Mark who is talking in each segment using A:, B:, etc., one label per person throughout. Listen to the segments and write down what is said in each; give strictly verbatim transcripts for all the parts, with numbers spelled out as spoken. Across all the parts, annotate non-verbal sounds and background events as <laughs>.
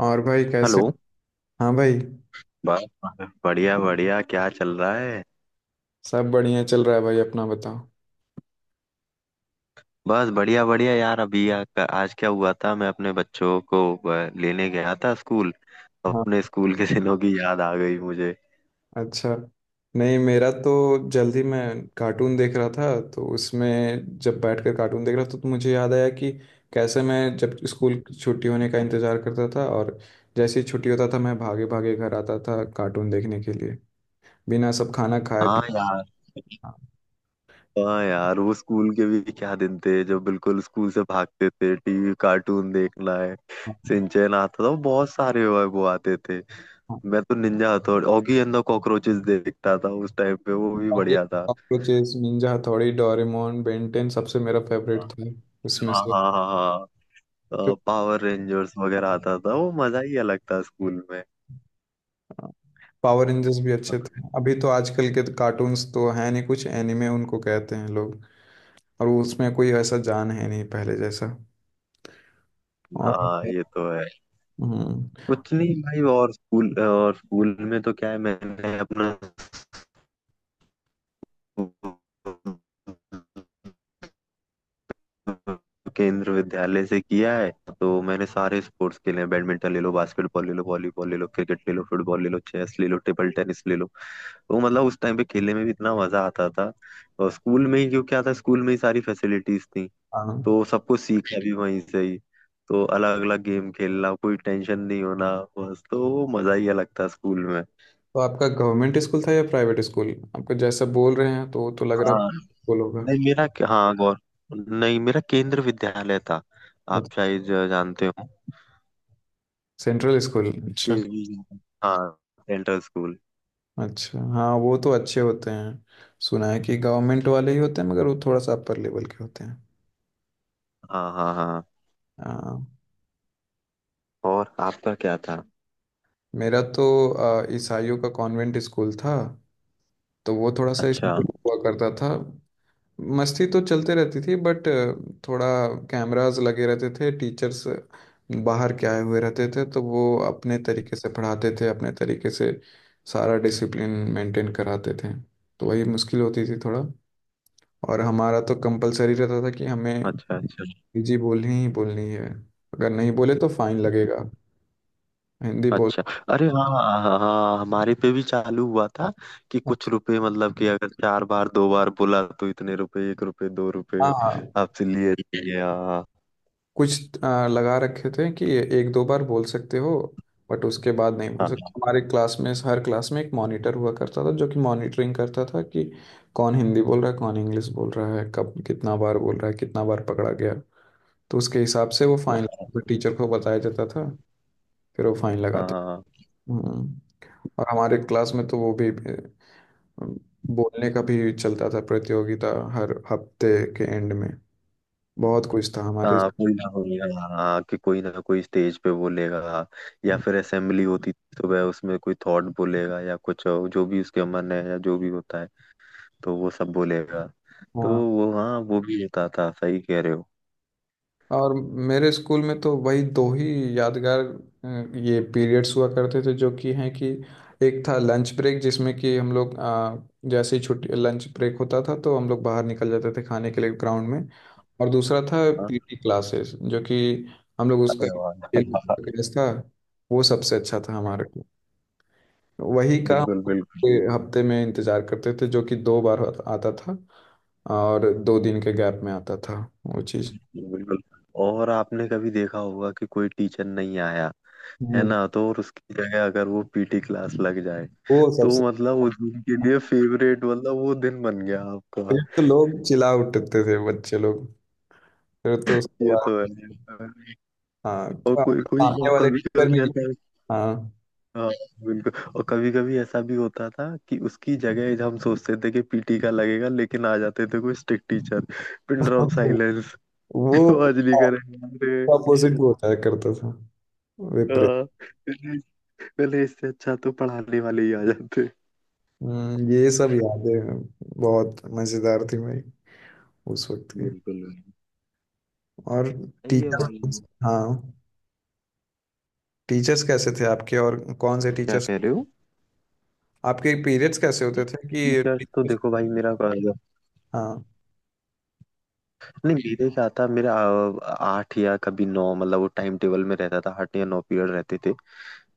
A: और भाई कैसे?
B: हेलो।
A: हाँ भाई।
B: बस बढ़िया बढ़िया, क्या चल रहा है?
A: सब बढ़िया चल रहा है भाई, अपना बताओ।
B: बस बढ़िया बढ़िया यार। अभी आ, आज क्या हुआ था, मैं अपने बच्चों को अ, लेने गया था स्कूल।
A: हाँ।
B: अपने स्कूल के दिनों की याद आ गई मुझे।
A: अच्छा। नहीं, मेरा तो जल्दी मैं कार्टून देख रहा था। तो उसमें जब बैठकर कार्टून देख रहा था तो मुझे याद आया कि कैसे मैं जब स्कूल की छुट्टी होने का इंतज़ार करता था, और जैसे ही छुट्टी होता था मैं भागे भागे घर आता था कार्टून देखने के लिए बिना सब खाना खाए पिए।
B: हाँ यार।
A: हाँ,
B: हाँ यार, वो स्कूल के भी क्या दिन थे, जब बिल्कुल स्कूल से भागते थे, टीवी कार्टून देखना है।
A: हाँ,
B: सिंचैन आता था, वो बहुत सारे वो वो आते थे।
A: हाँ।
B: मैं तो ninja Hattori, Oggy and the cockroaches देखता था उस टाइम पे, वो भी
A: और ये
B: बढ़िया था।
A: cockroaches, ninja Hattori, Doraemon, Ben Ten सबसे मेरा फेवरेट था उसमें
B: हाँ
A: से।
B: हाँ हाँ
A: तो
B: हाँ। पावर रेंजर्स वगैरह आता था, वो मजा ही अलग था स्कूल में।
A: पावर रेंजर्स भी अच्छे थे। अभी तो आजकल के तो कार्टून्स तो हैं नहीं, कुछ एनिमे उनको कहते हैं लोग, और उसमें कोई ऐसा जान है नहीं पहले जैसा। और
B: हाँ ये तो है।
A: हम्म।
B: कुछ नहीं भाई, और स्कूल और स्कूल में तो क्या है, मैंने अपना <laughs> स्कूल- केंद्र विद्यालय से किया है। तो मैंने सारे स्पोर्ट्स खेले हैं, बैडमिंटन ले लो, बास्केटबॉल ले लो, वॉलीबॉल ले लो, क्रिकेट ले लो, फुटबॉल ले लो, चेस ले लो, टेबल टेनिस ले लो। तो मतलब उस टाइम पे खेलने में भी इतना मजा आता था। और स्कूल में ही क्यों, क्या था, स्कूल में ही सारी फैसिलिटीज थी। तो
A: हाँ।
B: सब कुछ सीखा भी वहीं से ही। तो अलग अलग गेम खेलना, कोई टेंशन नहीं होना। बस तो वो मजा ही अलग था स्कूल में।
A: तो आपका गवर्नमेंट स्कूल था या प्राइवेट स्कूल? आपको जैसा बोल रहे हैं तो वो तो लग रहा है
B: हाँ।
A: स्कूल होगा।
B: नहीं मेरा, हाँ गौर, नहीं मेरा केंद्र विद्यालय था। आप शायद जानते हो
A: सेंट्रल स्कूल,
B: के।
A: अच्छा।
B: हाँ, सेंट्रल स्कूल।
A: अच्छा, हाँ, वो तो अच्छे होते हैं। सुना है कि गवर्नमेंट वाले ही होते हैं मगर वो थोड़ा सा अपर लेवल के होते हैं।
B: हाँ हाँ हाँ।
A: हाँ।
B: और आपका क्या था?
A: मेरा तो अ, ईसाइयों का कॉन्वेंट स्कूल था। तो वो थोड़ा सा
B: अच्छा
A: इसलिए हुआ करता था। मस्ती तो चलते रहती थी बट थोड़ा कैमरास लगे रहते थे, टीचर्स बाहर के आए हुए रहते थे, तो वो अपने तरीके से पढ़ाते थे, अपने तरीके से सारा डिसिप्लिन मेंटेन कराते थे। तो वही मुश्किल होती थी थोड़ा। और हमारा तो कंपलसरी रहता था कि हमें
B: अच्छा। अच्छा
A: हिंदी बोलनी ही बोलनी है। अगर नहीं बोले तो फाइन लगेगा हिंदी बोल।
B: अच्छा। अरे हाँ हाँ हाँ हाँ, हमारे पे भी चालू हुआ था, कि कुछ रुपए, मतलब कि अगर चार बार दो बार बोला तो इतने रुपए, एक रुपए दो
A: हाँ,
B: रुपए
A: हाँ।
B: आपसे लिए जाएंगे। हाँ।
A: कुछ आ, लगा रखे थे कि एक दो बार बोल सकते हो बट उसके बाद नहीं बोल सकते।
B: हाँ
A: हमारे क्लास में, हर क्लास में एक मॉनिटर हुआ करता था जो कि मॉनिटरिंग करता था कि कौन हिंदी बोल रहा है, कौन इंग्लिश बोल रहा है, कब कितना बार बोल रहा है, कितना बार पकड़ा गया। तो उसके हिसाब से वो फाइन टीचर को बताया जाता था, फिर वो फाइन
B: हाँ
A: लगाते।
B: हाँ।
A: हम्म। और हमारे क्लास में तो वो भी अ, बोलने का भी चलता था प्रतियोगिता हर हफ्ते के एंड में। बहुत कुछ था हमारे।
B: हाँ, कोई ना कोई, हाँ हाँ, कि कोई ना कोई स्टेज पे बोलेगा, या फिर असेंबली होती थी तो वह उसमें कोई थॉट बोलेगा या कुछ और, जो भी उसके मन है या जो भी होता है, तो वो सब बोलेगा। तो
A: हाँ।
B: वो, हाँ वो भी होता था, सही कह रहे हो।
A: और मेरे स्कूल में तो वही दो ही यादगार अ, ये पीरियड्स हुआ करते थे जो कि हैं कि एक था लंच ब्रेक, जिसमें कि हम लोग अ, जैसे ही छुट्टी लंच ब्रेक होता था तो हम लोग बाहर निकल जाते थे खाने के लिए ग्राउंड में। और दूसरा था
B: हाँ।
A: पीटी क्लासेस, जो कि हम लोग उसका
B: अरे
A: खेल
B: वाह।
A: क्लास था। वो सबसे अच्छा था हमारे को। वही
B: <laughs>
A: का हम
B: बिल्कुल बिल्कुल।
A: पूरे हफ्ते में इंतजार करते थे, जो कि दो बार आता आता था, और दो दिन के गैप में आता था वो चीज़।
B: बिल्कुल। और आपने कभी देखा होगा कि कोई टीचर नहीं आया, है ना, तो और उसकी जगह अगर वो पीटी क्लास लग जाए,
A: वो
B: तो
A: सबसे।
B: मतलब उस दिन के लिए फेवरेट, मतलब वो दिन बन गया आपका।
A: फिर तो लोग चिल्ला उठते थे, बच्चे लोग, फिर तो उसके
B: ये तो है,
A: बाद।
B: ये तो है।
A: हाँ।
B: और कोई कोई
A: सामने वाले
B: कभी
A: टीचर भी।
B: कभी ऐसा।
A: हाँ।
B: हाँ। बिल्कुल, और कभी कभी ऐसा भी होता था कि उसकी जगह हम सोचते थे कि पीटी का लगेगा, लेकिन आ जाते थे कोई strict teacher. Pin drop
A: <laughs>
B: silence. <laughs>
A: वो
B: आवाज नहीं
A: अपोजिट
B: करेंगे।
A: होता है करता था, विपरीत।
B: हाँ, पहले इससे अच्छा तो पढ़ाने वाले ही आ जाते।
A: हम्म, ये सब यादें बहुत मजेदार थी भाई, उस वक्त की।
B: बिल्कुल बिल्कुल।
A: और
B: सही है भाई।
A: टीचर्स, हाँ, टीचर्स कैसे थे आपके, और कौन से
B: क्या
A: टीचर्स
B: कह रहे हो?
A: आपके पीरियड्स कैसे होते थे कि
B: टीचर्स तो
A: टीचर्स?
B: देखो भाई मेरा,
A: हाँ,
B: नहीं मेरे क्या था, मेरा आ, आठ या कभी नौ, मतलब वो टाइम टेबल में रहता था, आठ या नौ पीरियड रहते थे,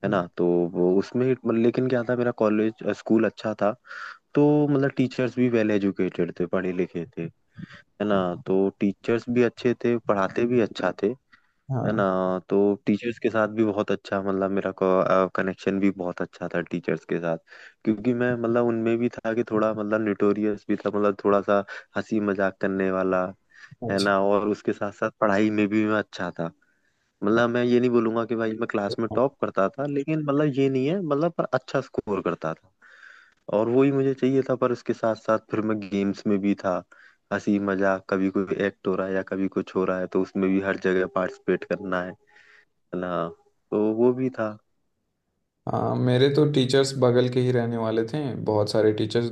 B: है ना। तो वो उसमें मतलब- लेकिन क्या था, मेरा कॉलेज स्कूल अच्छा था। तो मतलब टीचर्स भी वेल एजुकेटेड थे, पढ़े लिखे थे, है ना। तो टीचर्स भी अच्छे थे, पढ़ाते भी अच्छा थे, है
A: हाँ।
B: ना। तो टीचर्स के साथ भी बहुत अच्छा, मतलब मेरा कनेक्शन भी बहुत अच्छा था टीचर्स के साथ। क्योंकि मैं, मतलब उनमें भी था कि थोड़ा, मतलब न्यूटोरियस भी था, मतलब थोड़ा सा हंसी मजाक करने वाला, है
A: अच्छा।
B: ना। और उसके साथ साथ पढ़ाई में भी मैं अच्छा था। मतलब मैं ये नहीं बोलूंगा कि भाई मैं क्लास में टॉप करता था, लेकिन मतलब ये नहीं है, मतलब, पर अच्छा स्कोर करता था, और वही मुझे चाहिए था। पर उसके साथ साथ फिर मैं गेम्स में भी था, हंसी मजाक, कभी कोई एक्ट हो रहा है या कभी कुछ हो रहा है, तो उसमें भी हर जगह पार्टिसिपेट करना है। हाँ, तो वो भी था।
A: हाँ। मेरे तो टीचर्स बगल के ही रहने वाले थे, बहुत सारे टीचर्स।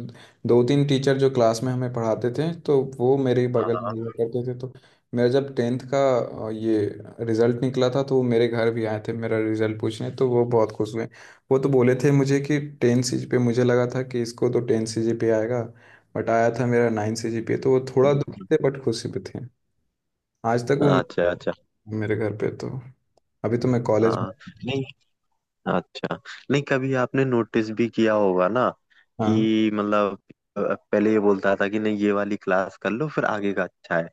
A: दो तीन टीचर जो क्लास में हमें पढ़ाते थे तो वो मेरे ही बगल में
B: हाँ
A: हुआ करते थे। तो मेरा जब टेंथ का अ, ये रिजल्ट निकला था तो वो मेरे घर भी आए थे मेरा रिजल्ट पूछने, तो वो बहुत खुश हुए। वो तो बोले थे मुझे कि टेन सी जी पे, मुझे लगा था कि इसको तो टेन सी जी पे आएगा, बट आया था मेरा नाइन सी जी पे। तो वो थोड़ा दुखी थे बट खुशी भी थे। आज तक वो
B: अच्छा अच्छा।
A: मेरे घर पे तो अभी तो मैं कॉलेज में।
B: हाँ। नहीं अच्छा। नहीं, कभी आपने नोटिस भी किया होगा ना,
A: हाँ।
B: कि मतलब अ, पहले ये बोलता था कि नहीं ये वाली क्लास कर लो फिर आगे का अच्छा है।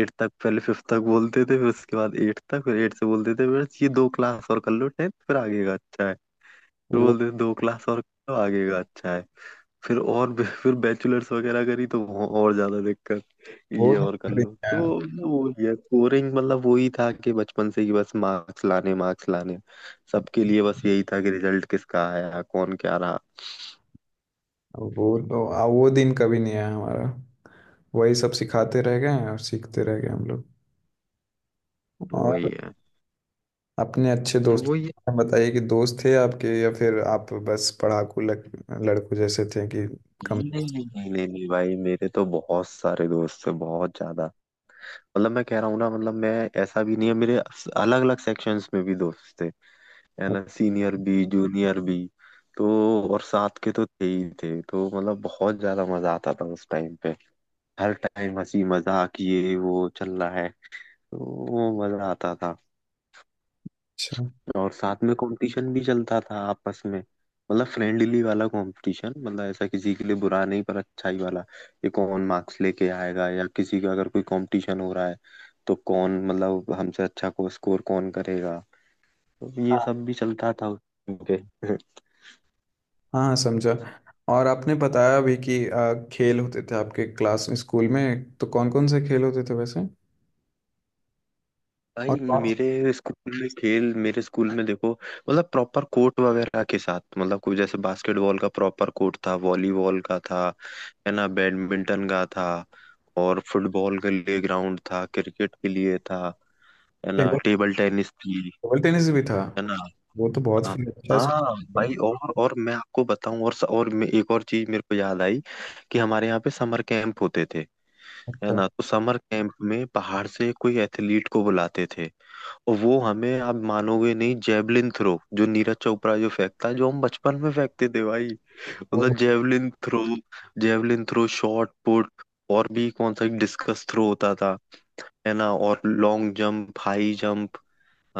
B: एट तक, पहले फिफ्थ तक बोलते थे, फिर उसके बाद एट तक, फिर एट से बोलते थे बस ये दो क्लास और कर लो टेंथ, फिर आगे का अच्छा है। फिर
A: वो
B: बोलते थे दो क्लास और कर लो, आगे का अच्छा है। फिर और भी- फिर बैचलर्स वगैरह करी, तो वहाँ और ज्यादा दिक्कत,
A: वो
B: ये और कर
A: दिन।
B: लो, तो वो। हम्म। ये स्कोरिंग, मतलब वही था कि बचपन से ही बस मार्क्स लाने मार्क्स लाने, सबके लिए बस यही था कि रिजल्ट किसका आया, कौन क्या रहा।
A: अब वो तो आ, वो दिन कभी नहीं आया हमारा। वही सब सिखाते रह गए हैं और सीखते रह गए हम लोग। और
B: वही है।
A: अपने अच्छे दोस्त
B: वही है।
A: बताइए कि दोस्त थे आपके, या फिर आप बस पढ़ाकू लक, लड़कों जैसे थे कि कम?
B: नहीं नहीं नहीं नहीं नहीं नहीं भाई, मेरे तो बहुत सारे दोस्त थे, बहुत ज्यादा। मतलब मैं कह रहा हूँ ना, मतलब मैं, ऐसा भी नहीं है मेरे। अलग अलग सेक्शंस में भी दोस्त थे, है ना, सीनियर भी जूनियर भी। तो और साथ के तो थे ही थे, तो मतलब बहुत ज्यादा मजा आता था उस टाइम पे। हर टाइम हंसी मजाक ये वो चल रहा है। तो वो मजा आता था।
A: अच्छा।
B: और साथ में कंपटीशन भी चलता था आपस में, मतलब फ्रेंडली वाला कंपटीशन, मतलब ऐसा किसी के लिए बुरा नहीं, पर अच्छा ही वाला। ये कौन मार्क्स लेके आएगा, या किसी का अगर कोई कंपटीशन हो रहा है, तो कौन, मतलब हमसे अच्छा को स्कोर कौन करेगा। तो ये सब भी चलता था उस time पे।
A: हाँ, हाँ, समझा। और आपने बताया भी कि आ, खेल होते थे आपके क्लास स्कूल में, तो कौन कौन से खेल होते थे वैसे? और
B: भाई
A: कौन
B: मेरे स्कूल में खेल, मेरे स्कूल में देखो, मतलब प्रॉपर कोर्ट वगैरह के साथ, मतलब कोई जैसे बास्केटबॉल का प्रॉपर कोर्ट था, वॉलीबॉल का था, है ना, बैडमिंटन का था, और फुटबॉल के लिए ग्राउंड था, क्रिकेट के लिए था, है ना,
A: टेबल
B: टेबल टेनिस थी,
A: टेबल टेनिस भी था?
B: है ना।
A: वो तो बहुत
B: हाँ
A: फिर अच्छा
B: हाँ
A: स्कूल
B: भाई,
A: था।
B: और और मैं आपको बताऊं, और और मैं, एक और चीज मेरे को याद आई, कि हमारे यहाँ पे समर कैंप होते थे, है
A: अच्छा।
B: ना। तो समर कैंप में बाहर से कोई एथलीट को बुलाते थे, और वो हमें, आप मानोगे नहीं, जेवलिन थ्रो जो नीरज चोपड़ा जो फेंकता है, जो हम बचपन में फेंकते थे भाई,
A: वो
B: मतलब javelin throw, javelin throw, shot put, और भी कौन सा, डिस्कस थ्रो होता था, है ना, और लॉन्ग जंप, हाई जंप,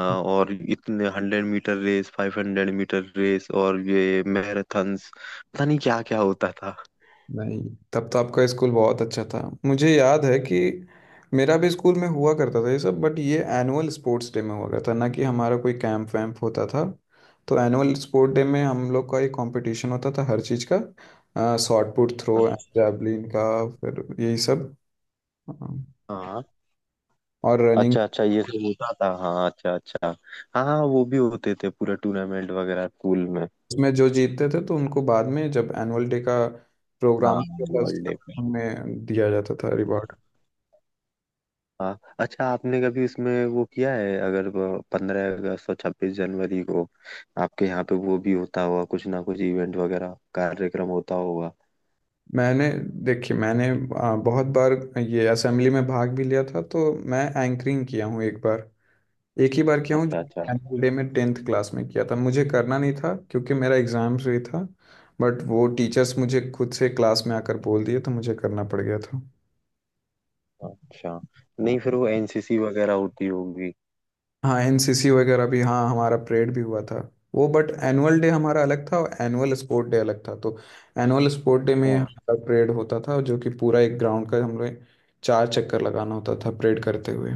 B: और इतने hundred metre race, five hundred metre race, और ये मैराथन्स, पता नहीं क्या क्या होता था।
A: नहीं, तब तो आपका स्कूल बहुत अच्छा था। मुझे याद है कि मेरा भी स्कूल में हुआ करता था ये सब, बट ये एनुअल स्पोर्ट्स डे में हुआ करता था, ना कि हमारा कोई कैंप वैम्प होता था। तो एनुअल स्पोर्ट डे में हम लोग का एक कंपटीशन होता था हर चीज़ का, शॉट पुट थ्रो, जैवलिन का, फिर यही सब अ,
B: हाँ
A: और रनिंग,
B: अच्छा अच्छा, ये सब होता था, हाँ अच्छा अच्छा। हाँ हाँ वो भी होते थे, पूरा टूर्नामेंट वगैरह स्कूल में।
A: में जो जीतते थे तो उनको बाद में जब एनुअल डे का
B: हाँ
A: प्रोग्राम होता
B: एनुअल
A: था,
B: डे।
A: उनमें दिया जाता था रिवॉर्ड।
B: हाँ अच्छा, आपने कभी उसमें वो किया है अगर, पंद्रह अगस्त और छब्बीस जनवरी को आपके यहाँ पे वो भी होता होगा, कुछ ना कुछ इवेंट वगैरह कार्यक्रम होता होगा।
A: मैंने, देखिए मैंने आ, बहुत बार ये असेंबली में भाग भी लिया था, तो मैं एंकरिंग किया हूँ एक बार। एक ही बार किया हूँ,
B: अच्छा
A: जो
B: अच्छा।
A: एनुअल डे में टेंथ क्लास में किया था। मुझे करना नहीं था क्योंकि मेरा एग्जाम्स भी था, बट वो टीचर्स मुझे खुद से क्लास में आकर बोल दिए तो मुझे करना पड़ गया था।
B: अच्छा। नहीं, फिर वो एनसीसी वगैरह होती होगी।
A: हाँ, एनसीसी वगैरह भी, हाँ, हमारा परेड भी हुआ था। वो बट एनुअल डे हमारा अलग था और एनुअल स्पोर्ट डे अलग था। तो एनुअल स्पोर्ट डे में
B: हाँ
A: हमारा परेड होता था, जो कि पूरा एक ग्राउंड का हम लोग चार चक्कर लगाना होता था परेड करते हुए।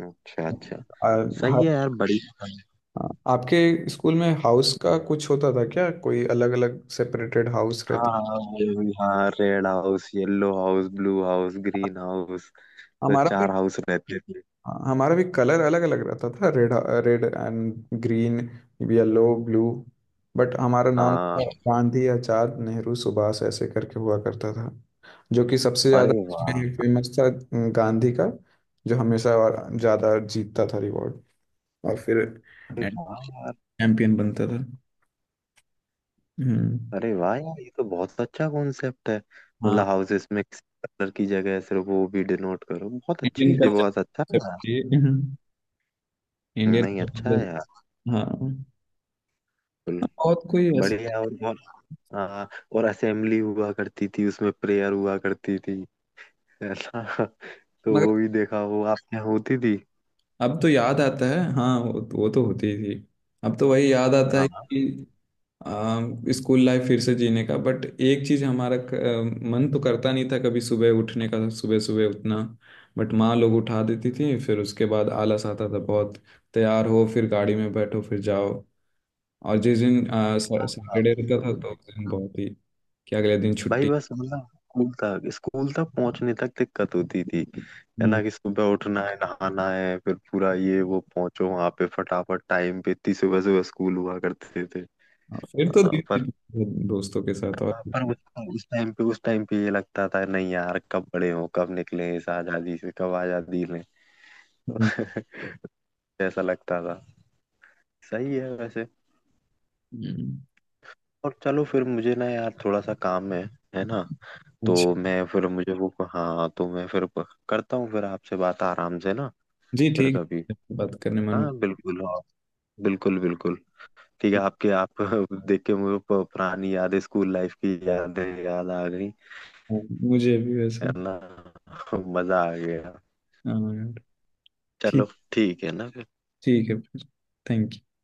B: अच्छा अच्छा।
A: आ,
B: सही
A: हर
B: है यार, बड़ी <laughs>
A: आ, आपके स्कूल में हाउस का कुछ होता था क्या, कोई अलग अलग सेपरेटेड हाउस
B: हाँ
A: रहते?
B: हाँ वो भी, हाँ red house yellow house blue house green house, तो
A: हमारा भी।
B: चार हाउस रहते थे।
A: हाँ, हमारा भी कलर अलग अलग रहता था, red, red and green, yellow, blue. But हमारा नाम था
B: हाँ।
A: गांधी, आचार्य, नेहरू, सुभाष, ऐसे करके हुआ करता था। जो कि सबसे ज्यादा
B: अरे वाह।
A: फेमस था गांधी का, जो हमेशा और ज्यादा जीतता था रिवॉर्ड, और फिर
B: अरे वाह।
A: चैंपियन बनता था। हम्म।
B: अरे वाह यार, ये तो बहुत अच्छा कॉन्सेप्ट है।
A: हाँ।
B: मतलब हाउसेस में किसी कलर की जगह सिर्फ वो भी डिनोट करो, बहुत अच्छी
A: इंडियन
B: चीज, बहुत अच्छा है
A: कल्चर,
B: यार।
A: इंडियन।
B: नहीं अच्छा है यार।
A: हाँ।
B: बिल्कुल।
A: और कोई ऐसे।
B: बढ़िया और बहुत। हाँ, और असेंबली हुआ करती थी, उसमें प्रेयर हुआ करती थी, ऐसा <laughs> तो
A: मगर
B: वो भी देखा, वो आपके यहाँ होती थी।
A: अब तो याद आता है, हाँ, वो, वो तो होती ही थी। अब तो वही याद आता है
B: हाँ
A: कि आ, स्कूल लाइफ फिर से जीने का। बट एक चीज हमारा क- आ, मन तो करता नहीं था कभी सुबह उठने का, सुबह सुबह उठना। बट माँ लोग उठा देती थी, फिर उसके बाद आलस आता था बहुत, तैयार हो फिर गाड़ी में बैठो फिर जाओ। और जिस दिन आ, सै-
B: हाँ, हाँ,
A: सैटरडे रहता था तो उस दिन बहुत ही कि अगले दिन
B: भाई
A: छुट्टी।
B: बस मतलब स्कूल तक स्कूल तक पहुंचने तक दिक्कत होती थी, है ना,
A: हम्म।
B: कि सुबह उठना है, नहाना है, फिर पूरा ये वो पहुंचो वहां पे फटाफट टाइम पे, इतनी सुबह सुबह स्कूल हुआ करते थे।
A: हाँ, फिर तो
B: हाँ,
A: दिन
B: पर
A: दिन दोस्तों के साथ और।
B: पर उस उस टाइम पे उस टाइम पे ये लगता था, नहीं यार, कब बड़े हो, कब निकले इस आजादी से, कब आजादी लें।
A: हम्म।
B: <laughs> ऐसा लगता था। सही है वैसे।
A: हम्म।
B: और चलो फिर, मुझे ना यार थोड़ा सा काम है है ना।
A: अच्छा।
B: तो मैं फिर मुझे वो, हाँ तो मैं फिर करता हूँ, फिर आपसे बात आराम से ना,
A: जी
B: फिर
A: ठीक
B: कभी।
A: है, बात करने मन हो।
B: हाँ बिल्कुल। हाँ बिल्कुल बिल्कुल। ठीक है, आपके आप <laughs> देख के मुझे प- पुरानी यादें, स्कूल लाइफ की यादें याद आ गई,
A: मुझे भी
B: है
A: वैसे।
B: ना। <laughs> मजा आ गया।
A: हाँ यार।
B: चलो।
A: ठीक।
B: ठीक है ना फिर।
A: ठीक है फिर। Thank you.